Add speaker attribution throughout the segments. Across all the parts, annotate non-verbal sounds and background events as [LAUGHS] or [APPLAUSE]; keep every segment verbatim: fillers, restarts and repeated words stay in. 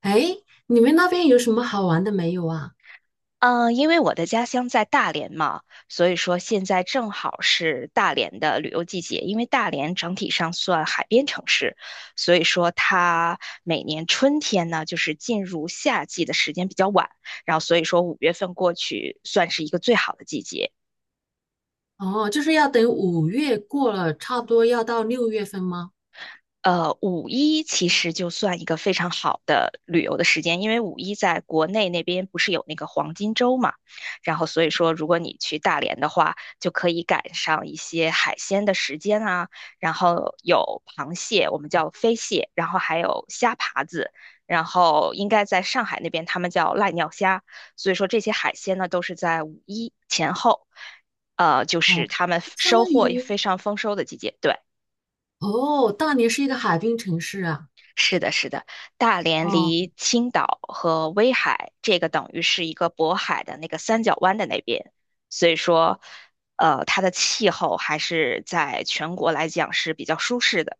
Speaker 1: 哎，你们那边有什么好玩的没有啊？
Speaker 2: 嗯，因为我的家乡在大连嘛，所以说现在正好是大连的旅游季节。因为大连整体上算海边城市，所以说它每年春天呢，就是进入夏季的时间比较晚，然后所以说五月份过去算是一个最好的季节。
Speaker 1: 哦，就是要等五月过了，差不多要到六月份吗？
Speaker 2: 呃，五一其实就算一个非常好的旅游的时间，因为五一在国内那边不是有那个黄金周嘛，然后所以说如果你去大连的话，就可以赶上一些海鲜的时间啊，然后有螃蟹，我们叫飞蟹，然后还有虾爬子，然后应该在上海那边他们叫濑尿虾，所以说这些海鲜呢都是在五一前后，呃，就是
Speaker 1: 哦，
Speaker 2: 他们
Speaker 1: 相
Speaker 2: 收
Speaker 1: 当
Speaker 2: 获也
Speaker 1: 于
Speaker 2: 非常丰收的季节，对。
Speaker 1: 哦，大连是一个海滨城市啊。
Speaker 2: 是的，是的，大连
Speaker 1: 哦
Speaker 2: 离青岛和威海，这个等于是一个渤海的那个三角湾的那边，所以说，呃，它的气候还是在全国来讲是比较舒适的。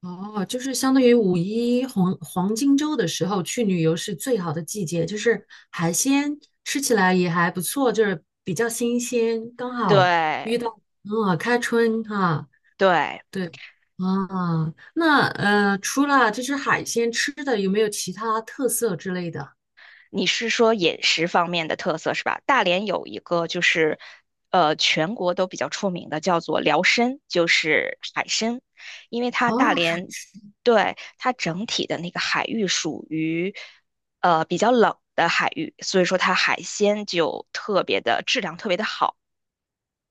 Speaker 1: 哦，就是相当于五一黄黄金周的时候去旅游是最好的季节，就是海鲜吃起来也还不错，就是比较新鲜，刚好
Speaker 2: 对，
Speaker 1: 嗯开春哈、
Speaker 2: 对，
Speaker 1: 对。啊，那呃，除了就是海鲜吃的，有没有其他特色之类的？
Speaker 2: 你是说饮食方面的特色是吧？大连有一个就是，呃，全国都比较出名的，叫做辽参，就是海参，因为它大
Speaker 1: 哦，海，
Speaker 2: 连，对，它整体的那个海域属于，呃，比较冷的海域，所以说它海鲜就特别的质量特别的好。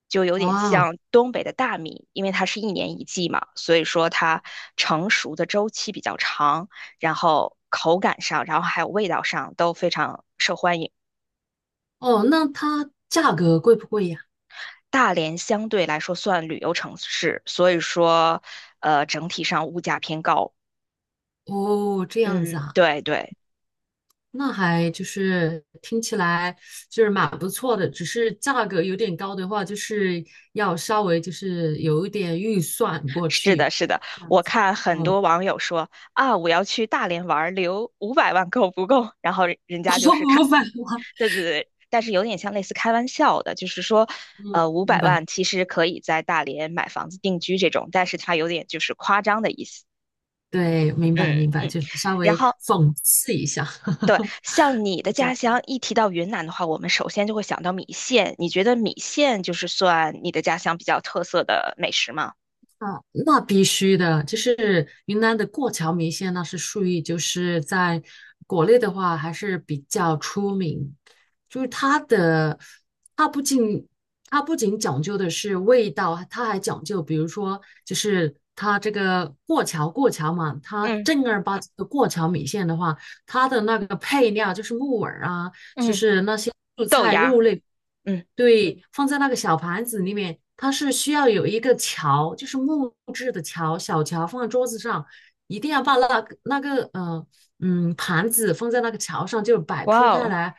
Speaker 2: 就有点
Speaker 1: 哇，
Speaker 2: 像东北的大米，因为它是一年一季嘛，所以说它成熟的周期比较长，然后口感上，然后还有味道上都非常受欢迎。
Speaker 1: 哦，那它价格贵不贵呀？
Speaker 2: 大连相对来说算旅游城市，所以说，呃，整体上物价偏高。
Speaker 1: 哦，这样子
Speaker 2: 嗯，
Speaker 1: 啊。
Speaker 2: 对对，
Speaker 1: 那还就是听起来就是蛮不错的，只是价格有点高的话，就是要稍微就是有一点预算过
Speaker 2: 是的，
Speaker 1: 去，
Speaker 2: 是的。
Speaker 1: 这样
Speaker 2: 我
Speaker 1: 子。
Speaker 2: 看很
Speaker 1: 哦，
Speaker 2: 多网友说啊，我要去大连玩儿留五百万够不够？然后人家
Speaker 1: [LAUGHS]
Speaker 2: 就是看
Speaker 1: 五百万，
Speaker 2: 对对对，但是有点像类似开玩笑的，就是说，
Speaker 1: 嗯，
Speaker 2: 呃，五
Speaker 1: 明
Speaker 2: 百
Speaker 1: 白，
Speaker 2: 万其实可以在大连买房子定居这种，但是它有点就是夸张的意思。
Speaker 1: 对，明白，
Speaker 2: 嗯
Speaker 1: 明白，
Speaker 2: 嗯，
Speaker 1: 就是稍
Speaker 2: 然
Speaker 1: 微
Speaker 2: 后
Speaker 1: 讽刺一下。
Speaker 2: 对，
Speaker 1: [LAUGHS]
Speaker 2: 像你
Speaker 1: 不
Speaker 2: 的家
Speaker 1: 讲。
Speaker 2: 乡一提到云南的话，我们首先就会想到米线。你觉得米线就是算你的家乡比较特色的美食吗？
Speaker 1: 啊，那必须的，就是云南的过桥米线，那是属于就是在国内的话还是比较出名。就是它的，它不仅它不仅讲究的是味道，它还讲究，比如说就是它这个过桥过桥嘛，它
Speaker 2: 嗯
Speaker 1: 正儿八经的过桥米线的话，它的那个配料就是木耳啊，就
Speaker 2: 嗯，
Speaker 1: 是那些蔬
Speaker 2: 豆
Speaker 1: 菜
Speaker 2: 芽儿，
Speaker 1: 肉类，
Speaker 2: 嗯，
Speaker 1: 对，放在那个小盘子里面，它是需要有一个桥，就是木质的桥，小桥放在桌子上，一定要把那个那个呃嗯盘子放在那个桥上，就摆铺
Speaker 2: 哇
Speaker 1: 开
Speaker 2: 哦，
Speaker 1: 来，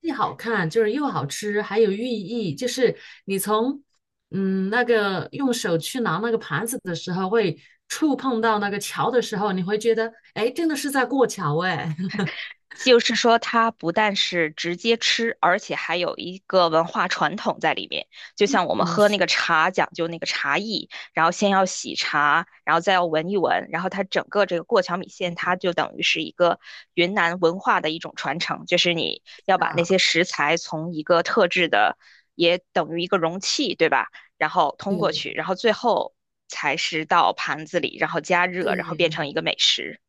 Speaker 1: 既好看就是又好吃，还有寓意，就是你从嗯那个用手去拿那个盘子的时候会触碰到那个桥的时候，你会觉得，哎，诶真的是在过桥，哎，[LAUGHS]
Speaker 2: 就是说，它不但是直接吃，而且还有一个文化传统在里面。就像我们
Speaker 1: 嗯，
Speaker 2: 喝
Speaker 1: 是
Speaker 2: 那个茶，讲究那个茶艺，然后先要洗茶，然后再要闻一闻，然后它整个这个过桥米线，它就等于是一个云南文化的一种传承，就是你要把那
Speaker 1: 的，
Speaker 2: 些食材从一个特制的，也等于一个容器，对吧？然后通过
Speaker 1: 对
Speaker 2: 去，然后最后才是到盘子里，然后加热，然后变
Speaker 1: 对，
Speaker 2: 成一个美食。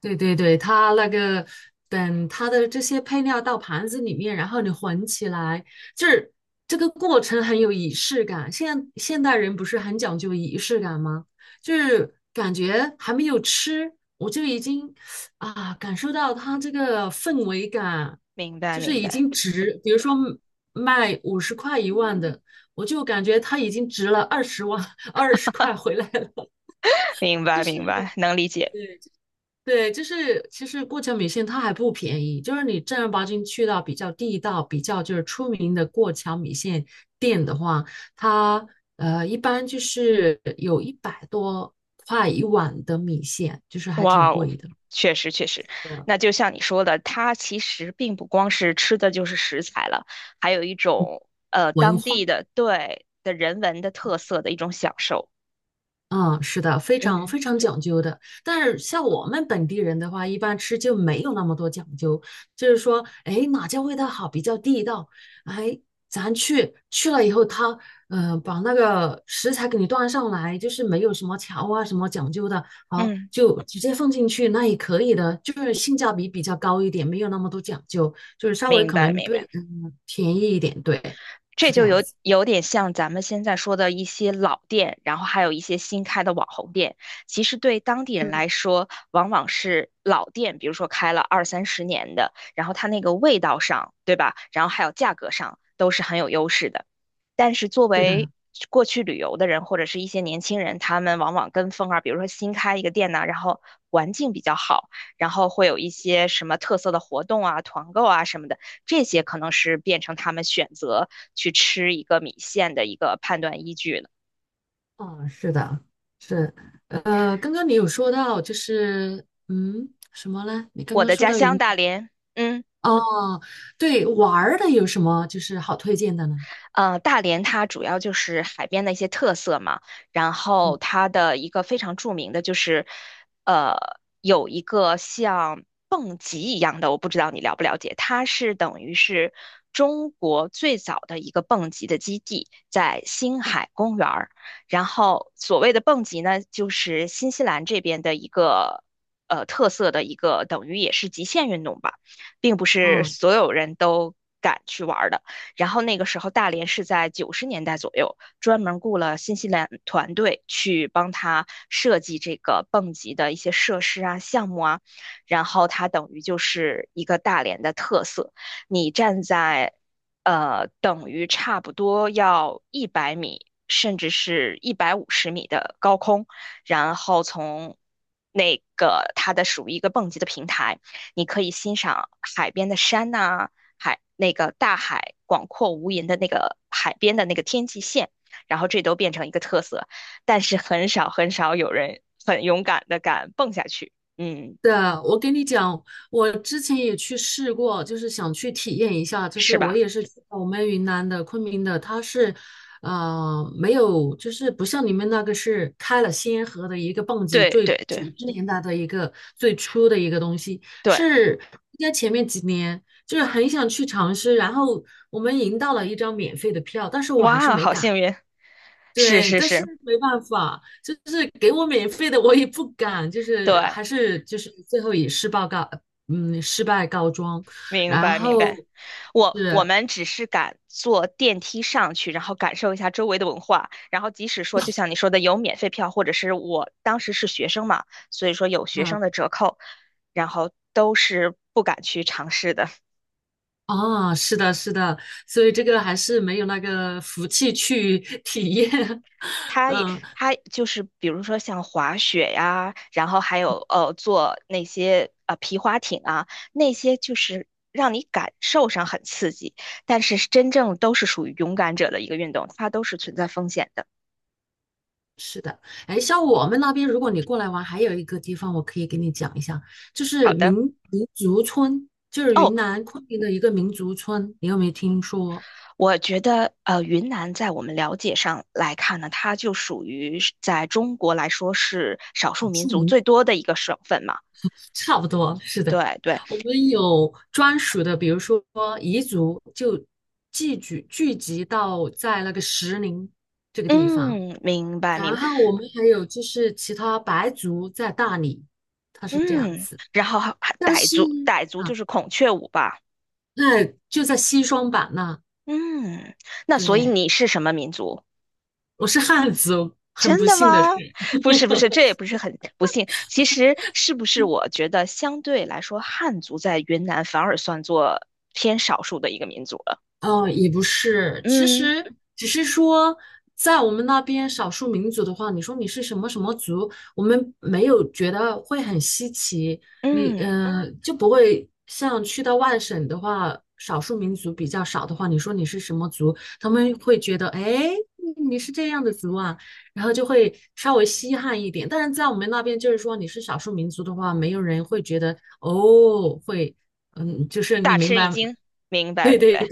Speaker 1: 对对对，它那个等它的这些配料到盘子里面，然后你混起来，就是这个过程很有仪式感。现现代人不是很讲究仪式感吗？就是感觉还没有吃，我就已经啊感受到它这个氛围感，
Speaker 2: 明白，
Speaker 1: 就是
Speaker 2: 明
Speaker 1: 已
Speaker 2: 白。
Speaker 1: 经值，比如说卖五十块一万的，我就感觉它已经值了二十万二十块回来了。
Speaker 2: 明
Speaker 1: [LAUGHS] 就
Speaker 2: 白，
Speaker 1: 是。
Speaker 2: 明白，能理解。
Speaker 1: 对，就是其实过桥米线它还不便宜，就是你正儿八经去到比较地道、比较就是出名的过桥米线店的话，它呃一般就是有一百多块一碗的米线，就是还
Speaker 2: 哇
Speaker 1: 挺
Speaker 2: 哦，
Speaker 1: 贵的。
Speaker 2: 确实确实，那
Speaker 1: 对
Speaker 2: 就像你说的，它其实并不光是吃的就是食材了，还有一种呃
Speaker 1: 文
Speaker 2: 当
Speaker 1: 化
Speaker 2: 地的对的人文的特色的一种享受。
Speaker 1: 嗯，是的，非常
Speaker 2: 嗯
Speaker 1: 非常讲究的。但是像我们本地人的话，一般吃就没有那么多讲究，就是说，哎，哪家味道好比较地道，哎，咱去去了以后他，嗯把那个食材给你端上来，就是没有什么调啊什么讲究的，好
Speaker 2: 嗯，
Speaker 1: 就直接放进去，那也可以的，就是性价比比较高一点，没有那么多讲究，就是稍微
Speaker 2: 明
Speaker 1: 可
Speaker 2: 白
Speaker 1: 能
Speaker 2: 明白。
Speaker 1: 对，嗯，便宜一点，对，
Speaker 2: 这
Speaker 1: 是这
Speaker 2: 就
Speaker 1: 样
Speaker 2: 有
Speaker 1: 子，
Speaker 2: 有点像咱们现在说的一些老店，然后还有一些新开的网红店。其实对当地人
Speaker 1: 嗯，
Speaker 2: 来说，往往是老店，比如说开了二三十年的，然后它那个味道上，对吧？然后还有价格上，都是很有优势的。但是作
Speaker 1: 是
Speaker 2: 为
Speaker 1: 的。
Speaker 2: 过去旅游的人或者是一些年轻人，他们往往跟风啊，比如说新开一个店呐、然后环境比较好，然后会有一些什么特色的活动啊、团购啊什么的，这些可能是变成他们选择去吃一个米线的一个判断依据了。
Speaker 1: 嗯，是的，是，呃，刚刚你有说到，就是，嗯，什么呢？你刚
Speaker 2: 我
Speaker 1: 刚
Speaker 2: 的
Speaker 1: 说
Speaker 2: 家
Speaker 1: 到
Speaker 2: 乡
Speaker 1: 云，
Speaker 2: 大连，嗯。
Speaker 1: 哦，对，玩儿的有什么就是好推荐的呢？
Speaker 2: 呃，大连它主要就是海边的一些特色嘛，然后
Speaker 1: 嗯，
Speaker 2: 它的一个非常著名的就是，呃，有一个像蹦极一样的，我不知道你了不了解，它是等于是中国最早的一个蹦极的基地，在星海公园儿。然后所谓的蹦极呢，就是新西兰这边的一个。呃，特色的一个等于也是极限运动吧，并不是
Speaker 1: 哦
Speaker 2: 所有人都敢去玩儿的。然后那个时候大连是在九十年代左右，专门雇了新西兰团队去帮他设计这个蹦极的一些设施啊、项目啊，然后它等于就是一个大连的特色。你站在呃，等于差不多要一百米，甚至是一百五十米的高空，然后从那个它的属于一个蹦极的平台，你可以欣赏海边的山呐、啊海那个大海广阔无垠的那个海边的那个天际线，然后这都变成一个特色，但是很少很少有人很勇敢的敢蹦下去，嗯，
Speaker 1: 的，我跟你讲，我之前也去试过，就是想去体验一下。就是
Speaker 2: 是吧？
Speaker 1: 我也是去我们云南的昆明的，它是，呃，没有，就是不像你们那个是开了先河的一个蹦极，
Speaker 2: 对
Speaker 1: 最
Speaker 2: 对
Speaker 1: 九
Speaker 2: 对
Speaker 1: 十年代的一个最初的一个东西，
Speaker 2: 对，
Speaker 1: 是应该前面几年就是很想去尝试，然后我们赢到了一张免费的票，但是我还是
Speaker 2: 哇，
Speaker 1: 没
Speaker 2: 好
Speaker 1: 敢。
Speaker 2: 幸运，是
Speaker 1: 对，
Speaker 2: 是
Speaker 1: 但是
Speaker 2: 是，
Speaker 1: 没办法，就是给我免费的，我也不敢，就是
Speaker 2: 对。
Speaker 1: 还是就是最后以失败告，嗯，失败告终。
Speaker 2: 明
Speaker 1: 然
Speaker 2: 白明白。
Speaker 1: 后
Speaker 2: 我我
Speaker 1: 是，
Speaker 2: 们只是敢坐电梯上去，然后感受一下周围的文化。然后即使说，就像你说的，有免费票，或者是我当时是学生嘛，所以说有学
Speaker 1: 嗯，
Speaker 2: 生的折扣，然后都是不敢去尝试的。
Speaker 1: 啊，是的，是的，所以这个还是没有那个福气去 [LAUGHS] 体验。
Speaker 2: 他也
Speaker 1: 嗯，
Speaker 2: 他就是比如说像滑雪呀，然后还有呃坐那些呃皮划艇啊，那些就是让你感受上很刺激，但是真正都是属于勇敢者的一个运动，它都是存在风险的。
Speaker 1: 是的，哎，像我们那边，如果你过来玩，还有一个地方我可以给你讲一下，就
Speaker 2: 好
Speaker 1: 是
Speaker 2: 的，
Speaker 1: 民民族村，就是
Speaker 2: 哦，
Speaker 1: 云南昆明的一个民族村，你有没有听说
Speaker 2: 我觉得呃，云南在我们了解上来看呢，它就属于是在中国来说是少
Speaker 1: 少
Speaker 2: 数民
Speaker 1: 数
Speaker 2: 族
Speaker 1: 民？
Speaker 2: 最多的一个省份嘛。
Speaker 1: 差不多，是的，
Speaker 2: 对对，
Speaker 1: 我们有专属的，比如说彝族就聚集聚集到在那个石林这个地方，
Speaker 2: 嗯，明白明
Speaker 1: 然
Speaker 2: 白，
Speaker 1: 后我们还有就是其他白族在大理，它是这样
Speaker 2: 嗯，
Speaker 1: 子，
Speaker 2: 然后还还
Speaker 1: 但
Speaker 2: 傣
Speaker 1: 是
Speaker 2: 族，傣族就
Speaker 1: 啊，
Speaker 2: 是孔雀舞吧，
Speaker 1: 那就在西双版纳，
Speaker 2: 嗯，那所以
Speaker 1: 对，
Speaker 2: 你是什么民族？
Speaker 1: 我是汉族，很
Speaker 2: 真
Speaker 1: 不
Speaker 2: 的
Speaker 1: 幸的，
Speaker 2: 吗？[LAUGHS] 不是不是，这也不是很不幸。其实是不是我觉得相对来说，汉族在云南反而算作偏少数的一个民族了？
Speaker 1: 嗯，也不是，其
Speaker 2: 嗯。
Speaker 1: 实只是说，在我们那边少数民族的话，你说你是什么什么族，我们没有觉得会很稀奇，你
Speaker 2: 嗯，
Speaker 1: 嗯、呃就不会像去到外省的话，少数民族比较少的话，你说你是什么族，他们会觉得哎你是这样的族啊，然后就会稍微稀罕一点。但是在我们那边，就是说你是少数民族的话，没有人会觉得哦会。嗯，就是你
Speaker 2: 大
Speaker 1: 明
Speaker 2: 吃一
Speaker 1: 白，
Speaker 2: 惊，明白明白。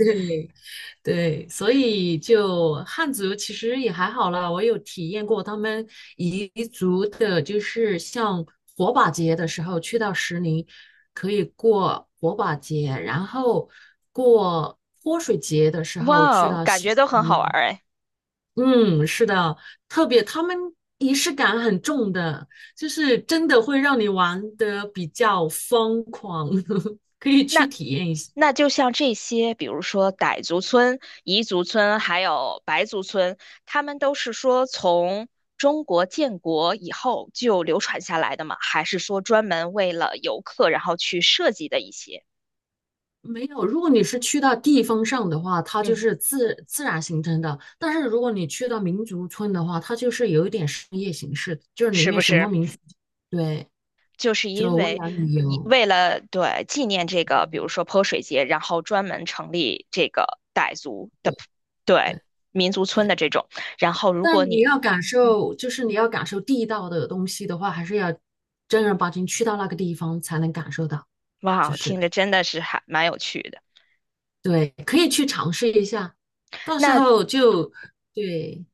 Speaker 1: 对，所以就汉族其实也还好啦，我有体验过他们彝族的，就是像火把节的时候去到石林，可以过火把节，然后过泼水节的时
Speaker 2: 哇
Speaker 1: 候去
Speaker 2: 哦，
Speaker 1: 到
Speaker 2: 感
Speaker 1: 西
Speaker 2: 觉都很
Speaker 1: 川
Speaker 2: 好
Speaker 1: 啦。
Speaker 2: 玩儿哎。
Speaker 1: 嗯，是的，特别他们仪式感很重的，就是真的会让你玩的比较疯狂，[LAUGHS] 可以
Speaker 2: 那
Speaker 1: 去体验一下。
Speaker 2: 那就像这些，比如说傣族村、彝族村，还有白族村，他们都是说从中国建国以后就流传下来的吗？还是说专门为了游客然后去设计的一些？
Speaker 1: 没有，如果你是去到地方上的话，它就
Speaker 2: 嗯，
Speaker 1: 是自自然形成的；但是如果你去到民族村的话，它就是有一点商业形式，就是里
Speaker 2: 是
Speaker 1: 面
Speaker 2: 不
Speaker 1: 什么
Speaker 2: 是？
Speaker 1: 民族，对，
Speaker 2: 就是因
Speaker 1: 就为
Speaker 2: 为
Speaker 1: 了旅
Speaker 2: 一
Speaker 1: 游，
Speaker 2: 为了对纪念这个，比如说泼水节，然后专门成立这个傣族
Speaker 1: 对
Speaker 2: 的
Speaker 1: 对
Speaker 2: 对民族村
Speaker 1: 对。
Speaker 2: 的这种。然后如果
Speaker 1: 但你
Speaker 2: 你
Speaker 1: 要感
Speaker 2: 嗯
Speaker 1: 受，就是你要感受地道的东西的话，还是要正儿八经去到那个地方才能感受到，就
Speaker 2: 哇，
Speaker 1: 是
Speaker 2: 听着真的是还蛮有趣的。
Speaker 1: 对，可以去尝试一下，到时
Speaker 2: 那
Speaker 1: 候就对。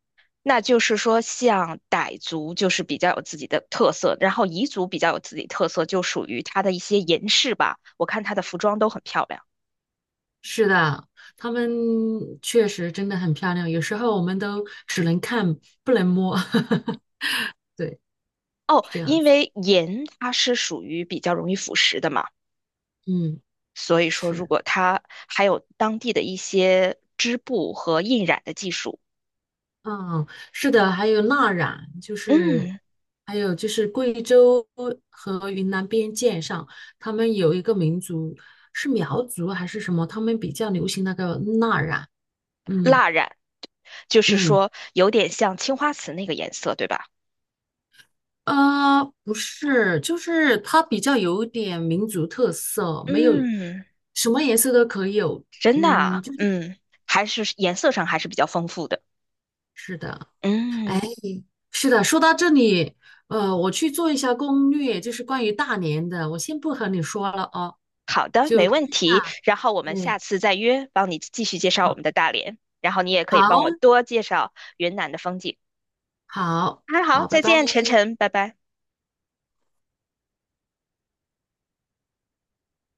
Speaker 2: 那就是说，像傣族就是比较有自己的特色，然后彝族比较有自己特色，就属于它的一些
Speaker 1: 嗯
Speaker 2: 银饰吧。我看它的服装都很漂亮。
Speaker 1: 是的，他们确实真的很漂亮，有时候我们都只能看不能摸，[LAUGHS] 对，
Speaker 2: 哦，
Speaker 1: 是这样
Speaker 2: 因
Speaker 1: 子。
Speaker 2: 为银它是属于比较容易腐蚀的嘛。
Speaker 1: 嗯，
Speaker 2: 所以说，如
Speaker 1: 是，
Speaker 2: 果它还有当地的一些织布和印染的技术，
Speaker 1: 嗯，是的，还有蜡染，就是
Speaker 2: 嗯，
Speaker 1: 还有就是贵州和云南边界上，他们有一个民族是苗族还是什么，他们比较流行那个蜡染。嗯
Speaker 2: 蜡染就是
Speaker 1: 嗯。
Speaker 2: 说有点像青花瓷那个颜色，对吧？
Speaker 1: 呃，不是，就是它比较有点民族特色，没有
Speaker 2: 嗯，
Speaker 1: 什么颜色都可以有。
Speaker 2: 真的
Speaker 1: 嗯，
Speaker 2: 啊，
Speaker 1: 就是
Speaker 2: 嗯，还是颜色上还是比较丰富的。
Speaker 1: 是的，
Speaker 2: 嗯，
Speaker 1: 哎，是的。说到这里，呃，我去做一下攻略，就是关于大连的，我先不和你说了哦，
Speaker 2: 好的，
Speaker 1: 就
Speaker 2: 没
Speaker 1: 看
Speaker 2: 问
Speaker 1: 一下。
Speaker 2: 题。然后我们
Speaker 1: 对，
Speaker 2: 下次再约，帮你继续介绍我
Speaker 1: 嗯，
Speaker 2: 们的大连，然后你也可以帮我
Speaker 1: 好，
Speaker 2: 多介绍云南的风景。
Speaker 1: 好，
Speaker 2: 那好，
Speaker 1: 好，拜
Speaker 2: 再
Speaker 1: 拜。
Speaker 2: 见，晨晨，拜拜。